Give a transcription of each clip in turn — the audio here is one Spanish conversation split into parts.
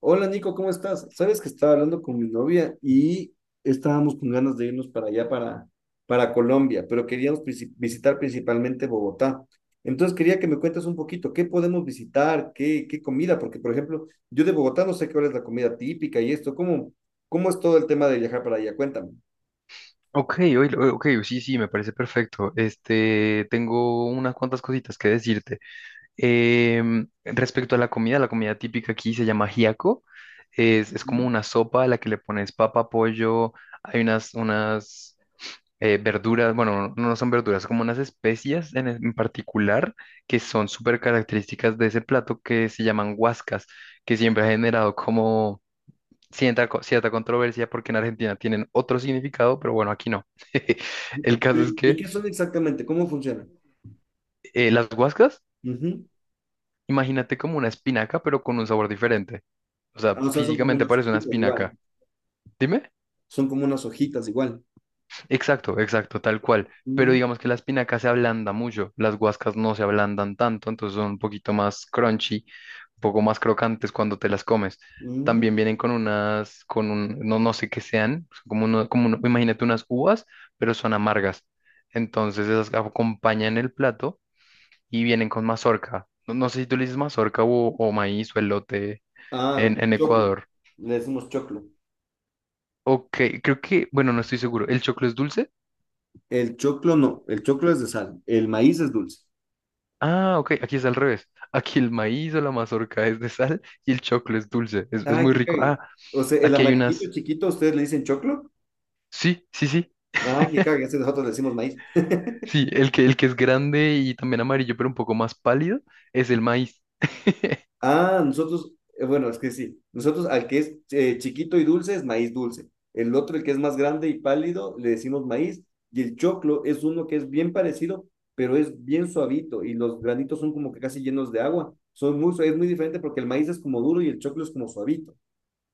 Hola Nico, ¿cómo estás? Sabes que estaba hablando con mi novia y estábamos con ganas de irnos para allá, para Colombia, pero queríamos visitar principalmente Bogotá. Entonces quería que me cuentes un poquito qué podemos visitar, qué comida, porque por ejemplo, yo de Bogotá no sé cuál es la comida típica y esto, ¿cómo es todo el tema de viajar para allá? Cuéntame. Ok, oílo, ok, sí, sí, me parece perfecto. Tengo unas cuantas cositas que decirte. Respecto a la comida típica aquí se llama giaco. Ujú. Es como una sopa a la que le pones papa, pollo. Hay unas verduras, bueno, no son verduras, como unas especias en particular, que son súper características de ese plato, que se llaman guascas, que siempre ha generado como cierta controversia porque en Argentina tienen otro significado, pero bueno, aquí no. El caso es ¿Y que qué son exactamente? ¿Cómo funcionan? Las guascas, Ujú. imagínate como una espinaca, pero con un sabor diferente. O sea, Ah, o sea, físicamente parece una espinaca. Dime. son como unas hojitas igual. Exacto, exacto, tal cual. Pero Ujú. digamos que la espinaca se ablanda mucho, las guascas no se ablandan tanto, entonces son un poquito más crunchy, un poco más crocantes cuando te las comes. Ujú. También vienen con unas, con un, no, no sé qué sean, imagínate unas uvas, pero son amargas. Entonces esas acompañan el plato y vienen con mazorca. No, no sé si tú le dices mazorca o maíz o elote Ah, en choclo. Ecuador. Le decimos choclo. Ok, creo que, bueno, no estoy seguro. ¿El choclo es dulce? El choclo no, el choclo es de sal, el maíz es dulce. Ah, ok, aquí es al revés. Aquí el maíz o la mazorca es de sal y el choclo es dulce. Es Ah, muy que rico. cague. Ah, O sea, el aquí hay amarillito unas. chiquito, ¿ustedes le dicen choclo? Sí, sí, sí. Ah, que cague, ese nosotros le decimos maíz. Sí, el que es grande y también amarillo, pero un poco más pálido, es el maíz. Ah, nosotros, bueno, es que sí, nosotros al que es chiquito y dulce es maíz dulce. El otro, el que es más grande y pálido, le decimos maíz. Y el choclo es uno que es bien parecido, pero es bien suavito y los granitos son como que casi llenos de agua. Es muy diferente porque el maíz es como duro y el choclo es como suavito.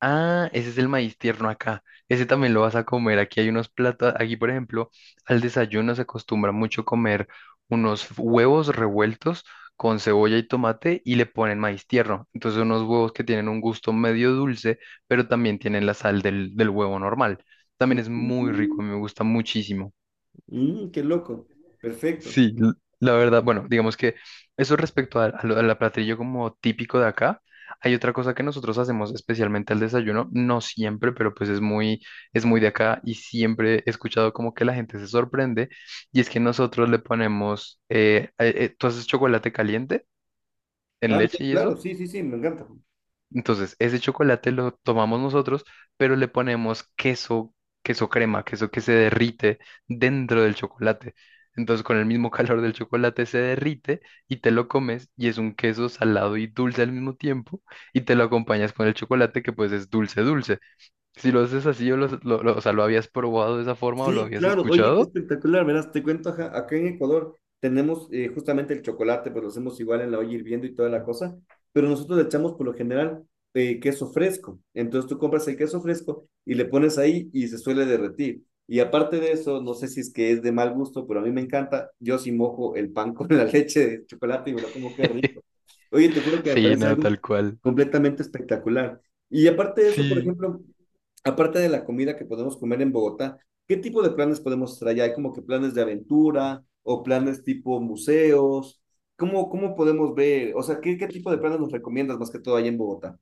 Ah, ese es el maíz tierno acá. Ese también lo vas a comer. Aquí hay unos platos. Aquí, por ejemplo, al desayuno se acostumbra mucho comer unos huevos revueltos con cebolla y tomate y le ponen maíz tierno. Entonces unos huevos que tienen un gusto medio dulce, pero también tienen la sal del huevo normal. También es muy rico, Mm, a mí me gusta muchísimo. mm, qué loco. Perfecto. Sí, la verdad, bueno, digamos que eso, respecto al platillo como típico de acá, hay otra cosa que nosotros hacemos especialmente al desayuno, no siempre, pero pues es muy, de acá y siempre he escuchado como que la gente se sorprende. Y es que nosotros le ponemos, ¿tú haces chocolate caliente en Ah, ya, leche y claro, eso? sí, sí, sí, me encanta. Entonces, ese chocolate lo tomamos nosotros, pero le ponemos queso, queso crema, queso que se derrite dentro del chocolate. Entonces, con el mismo calor del chocolate se derrite y te lo comes, y es un queso salado y dulce al mismo tiempo, y te lo acompañas con el chocolate, que pues es dulce, dulce. Si lo haces así, o sea, lo habías probado de esa forma o lo Sí, habías claro. Oye, qué escuchado. espectacular. Verás, te cuento, ajá, acá en Ecuador tenemos justamente el chocolate, pues lo hacemos igual en la olla hirviendo y toda la cosa, pero nosotros le echamos por lo general queso fresco. Entonces tú compras el queso fresco y le pones ahí y se suele derretir. Y aparte de eso, no sé si es que es de mal gusto, pero a mí me encanta. Yo sí mojo el pan con la leche de chocolate y me lo como qué rico. Oye, te juro que me Sí, parece no, algo tal cual. completamente espectacular. Y aparte de eso, por Sí. ejemplo, aparte de la comida que podemos comer en Bogotá, ¿qué tipo de planes podemos traer? ¿Hay como que planes de aventura o planes tipo museos? ¿Cómo podemos ver? O sea, ¿qué tipo de planes nos recomiendas más que todo allá en Bogotá?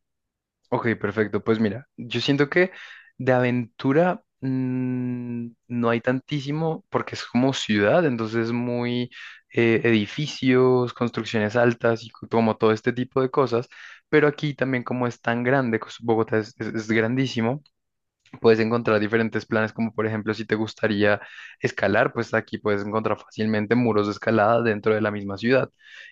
Ok, perfecto. Pues mira, yo siento que de aventura no hay tantísimo porque es como ciudad, entonces muy edificios, construcciones altas y como todo este tipo de cosas. Pero aquí también, como es tan grande, Bogotá es grandísimo. Puedes encontrar diferentes planes, como por ejemplo, si te gustaría escalar, pues aquí puedes encontrar fácilmente muros de escalada dentro de la misma ciudad.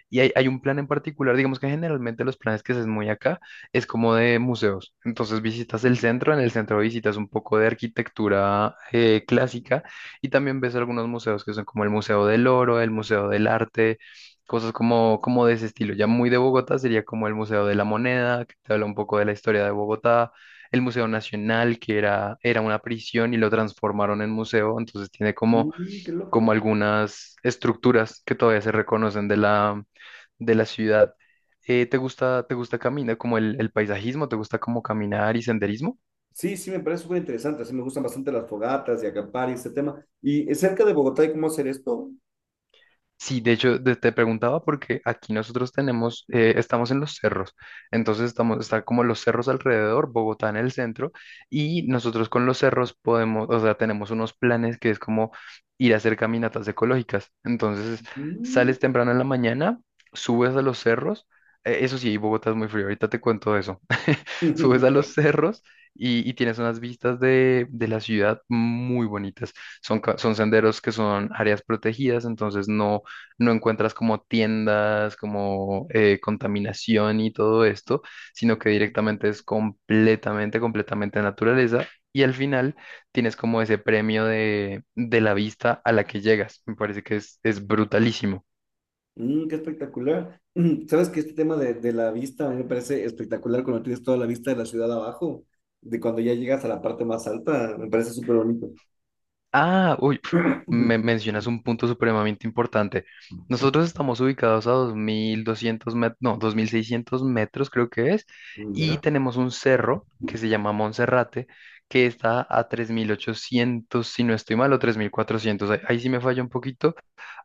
Y hay un plan en particular. Digamos que generalmente los planes que se hacen muy acá es como de museos. Entonces visitas el centro, en el centro visitas un poco de arquitectura clásica y también ves algunos museos que son como el Museo del Oro, el Museo del Arte. Cosas como de ese estilo. Ya muy de Bogotá sería como el Museo de la Moneda, que te habla un poco de la historia de Bogotá, el Museo Nacional, que era una prisión y lo transformaron en museo, entonces tiene como, Mm, qué como loco. algunas estructuras que todavía se reconocen de la ciudad. ¿Te gusta caminar, como el paisajismo? ¿Te gusta como caminar y senderismo? Sí, sí, me parece súper interesante. Así me gustan bastante las fogatas y acampar y este tema. ¿Y cerca de Bogotá hay cómo hacer esto? Sí, de hecho, te preguntaba porque aquí nosotros tenemos, estamos en los cerros. Entonces estamos, está como los cerros alrededor, Bogotá en el centro, y nosotros con los cerros podemos, o sea, tenemos unos planes que es como ir a hacer caminatas ecológicas. Entonces, Mm. sales temprano en la mañana, subes a los cerros. Eso sí, Bogotá es muy frío, ahorita te cuento eso. Subes a los cerros y tienes unas vistas de la ciudad muy bonitas. Son, son senderos que son áreas protegidas, entonces no, no encuentras como tiendas, como contaminación y todo esto, sino que directamente es completamente, completamente naturaleza. Y al final tienes como ese premio de la vista a la que llegas. Me parece que es brutalísimo. Mm, qué espectacular. Mm, ¿sabes que este tema de la vista a mí me parece espectacular cuando tienes toda la vista de la ciudad abajo? De cuando ya llegas a la parte más alta, me parece súper bonito. Ah, uy, pf, me mencionas un punto supremamente importante. Nosotros estamos ubicados a 2.200 metros, no, 2.600 metros creo que es, Mm, y ya, tenemos un cerro que se llama Monserrate, que está a 3.800 si no estoy mal, o 3.400. Ahí sí me falla un poquito,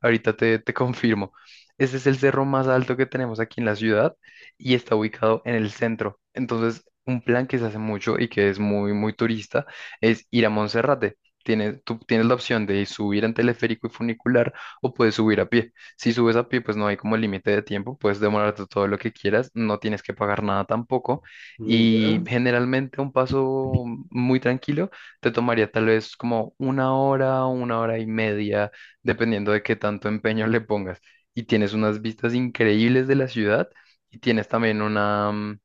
ahorita te confirmo. Este es el cerro más alto que tenemos aquí en la ciudad y está ubicado en el centro. Entonces, un plan que se hace mucho y que es muy, muy turista es ir a Monserrate. Tú tienes la opción de subir en teleférico y funicular o puedes subir a pie. Si subes a pie, pues no hay como límite de tiempo, puedes demorarte todo lo que quieras, no tienes que pagar nada tampoco, mm, y ya. generalmente un paso muy tranquilo te tomaría tal vez como una hora o una hora y media, dependiendo de qué tanto empeño le pongas. Y tienes unas vistas increíbles de la ciudad y tienes también una,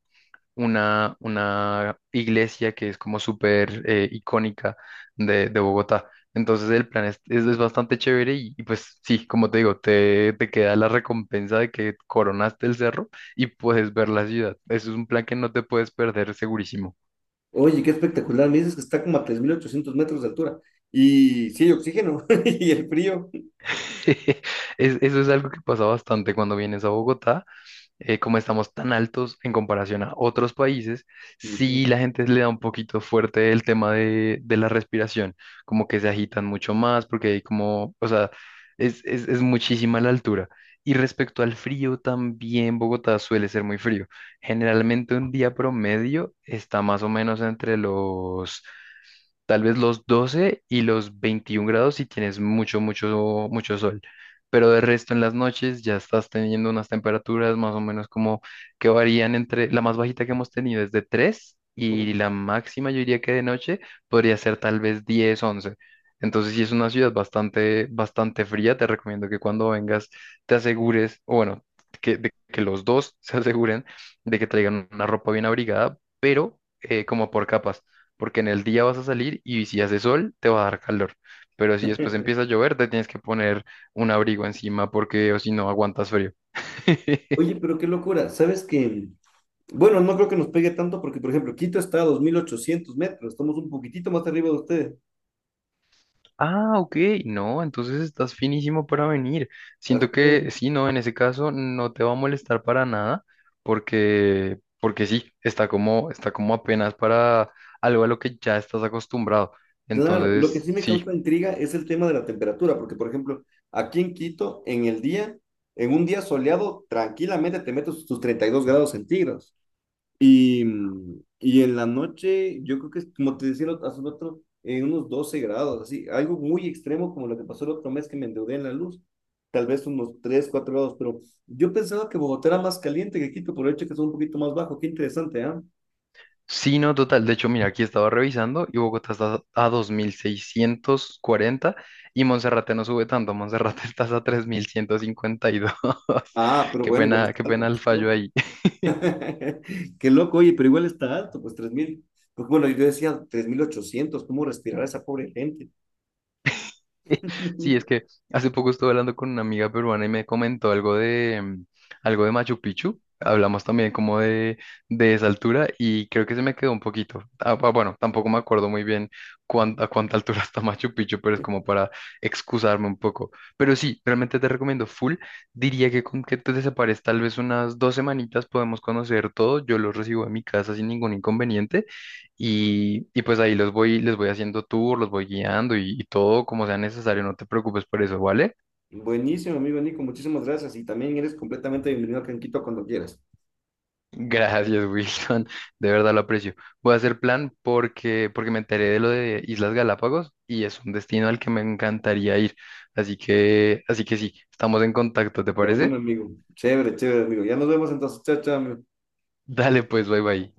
una iglesia que es como súper icónica de Bogotá. Entonces el plan es bastante chévere y pues sí, como te digo, te queda la recompensa de que coronaste el cerro y puedes ver la ciudad. Eso es un plan que no te puedes perder, segurísimo. Oye, qué espectacular. Me dices que está como a 3800 metros de altura. Y sí, hay oxígeno y el frío. Eso es algo que pasa bastante cuando vienes a Bogotá. Como estamos tan altos en comparación a otros países, Ujú. sí, la gente le da un poquito fuerte el tema de la respiración, como que se agitan mucho más porque hay como, o sea, es muchísima la altura. Y respecto al frío, también Bogotá suele ser muy frío. Generalmente un día promedio está más o menos entre tal vez los 12 y los 21 grados si tienes mucho, mucho, mucho sol, pero de resto en las noches ya estás teniendo unas temperaturas más o menos como que varían entre, la más bajita que hemos tenido es de 3 y la máxima yo diría que de noche podría ser tal vez 10, 11. Entonces, si es una ciudad bastante, bastante fría. Te recomiendo que cuando vengas te asegures, o bueno, de que los dos se aseguren de que traigan una ropa bien abrigada, pero como por capas, porque en el día vas a salir y si hace sol te va a dar calor, pero si después empieza a llover te tienes que poner un abrigo encima porque o si no aguantas frío. Oye, pero qué locura. ¿Sabes que, bueno, no creo que nos pegue tanto porque, por ejemplo, Quito está a 2800 metros. Estamos un poquitito más arriba de ustedes. Ah, ok, no, entonces estás finísimo para venir. Ajá. Siento que sí, no, en ese caso no te va a molestar para nada porque sí, está como apenas para algo a lo que ya estás acostumbrado. Claro, lo que Entonces, sí me sí. causa intriga es el tema de la temperatura, porque, por ejemplo, aquí en Quito, en un día soleado, tranquilamente te metes tus 32 grados centígrados. Y, mm, y en la noche, yo creo que, es, como te decía hace rato, en unos 12 grados, así, algo muy extremo como lo que pasó el otro mes que me endeudé en la luz, tal vez unos 3 4 grados, pero yo pensaba que Bogotá era más caliente que Quito, por el hecho que es un poquito más bajo, qué interesante, ¿ah? Sí, no, total. De hecho, mira, aquí estaba revisando y Bogotá está a 2.640 y Monserrate no sube tanto. Monserrate está a 3.152. Ah, pero bueno, igual está qué alto, pena el pues, fallo loco. ahí. Qué loco, oye, pero igual está alto, pues tres mil. Pues bueno, yo decía 3800, ¿cómo respirar esa pobre gente? Sí, es que hace poco estuve hablando con una amiga peruana y me comentó algo de Machu Picchu. Hablamos también como de esa altura y creo que se me quedó un poquito. Ah, bueno, tampoco me acuerdo muy bien a cuánta altura está Machu Picchu, pero es como para excusarme un poco. Pero sí, realmente te recomiendo full. Diría que con que te separes tal vez unas 2 semanitas podemos conocer todo. Yo los recibo en mi casa sin ningún inconveniente. Y pues ahí los voy, les voy haciendo tour, los voy guiando y todo como sea necesario, no te preocupes por eso, ¿vale? Buenísimo, amigo Nico, muchísimas gracias y también eres completamente bienvenido a Canquito cuando quieras. Gracias, Wilson, de verdad lo aprecio. Voy a hacer plan porque me enteré de lo de Islas Galápagos y es un destino al que me encantaría ir. Así que sí, estamos en contacto, ¿te De un parece? amigo. Chévere, chévere, amigo. Ya nos vemos entonces. Chao, chao, amigo. Dale pues, bye bye.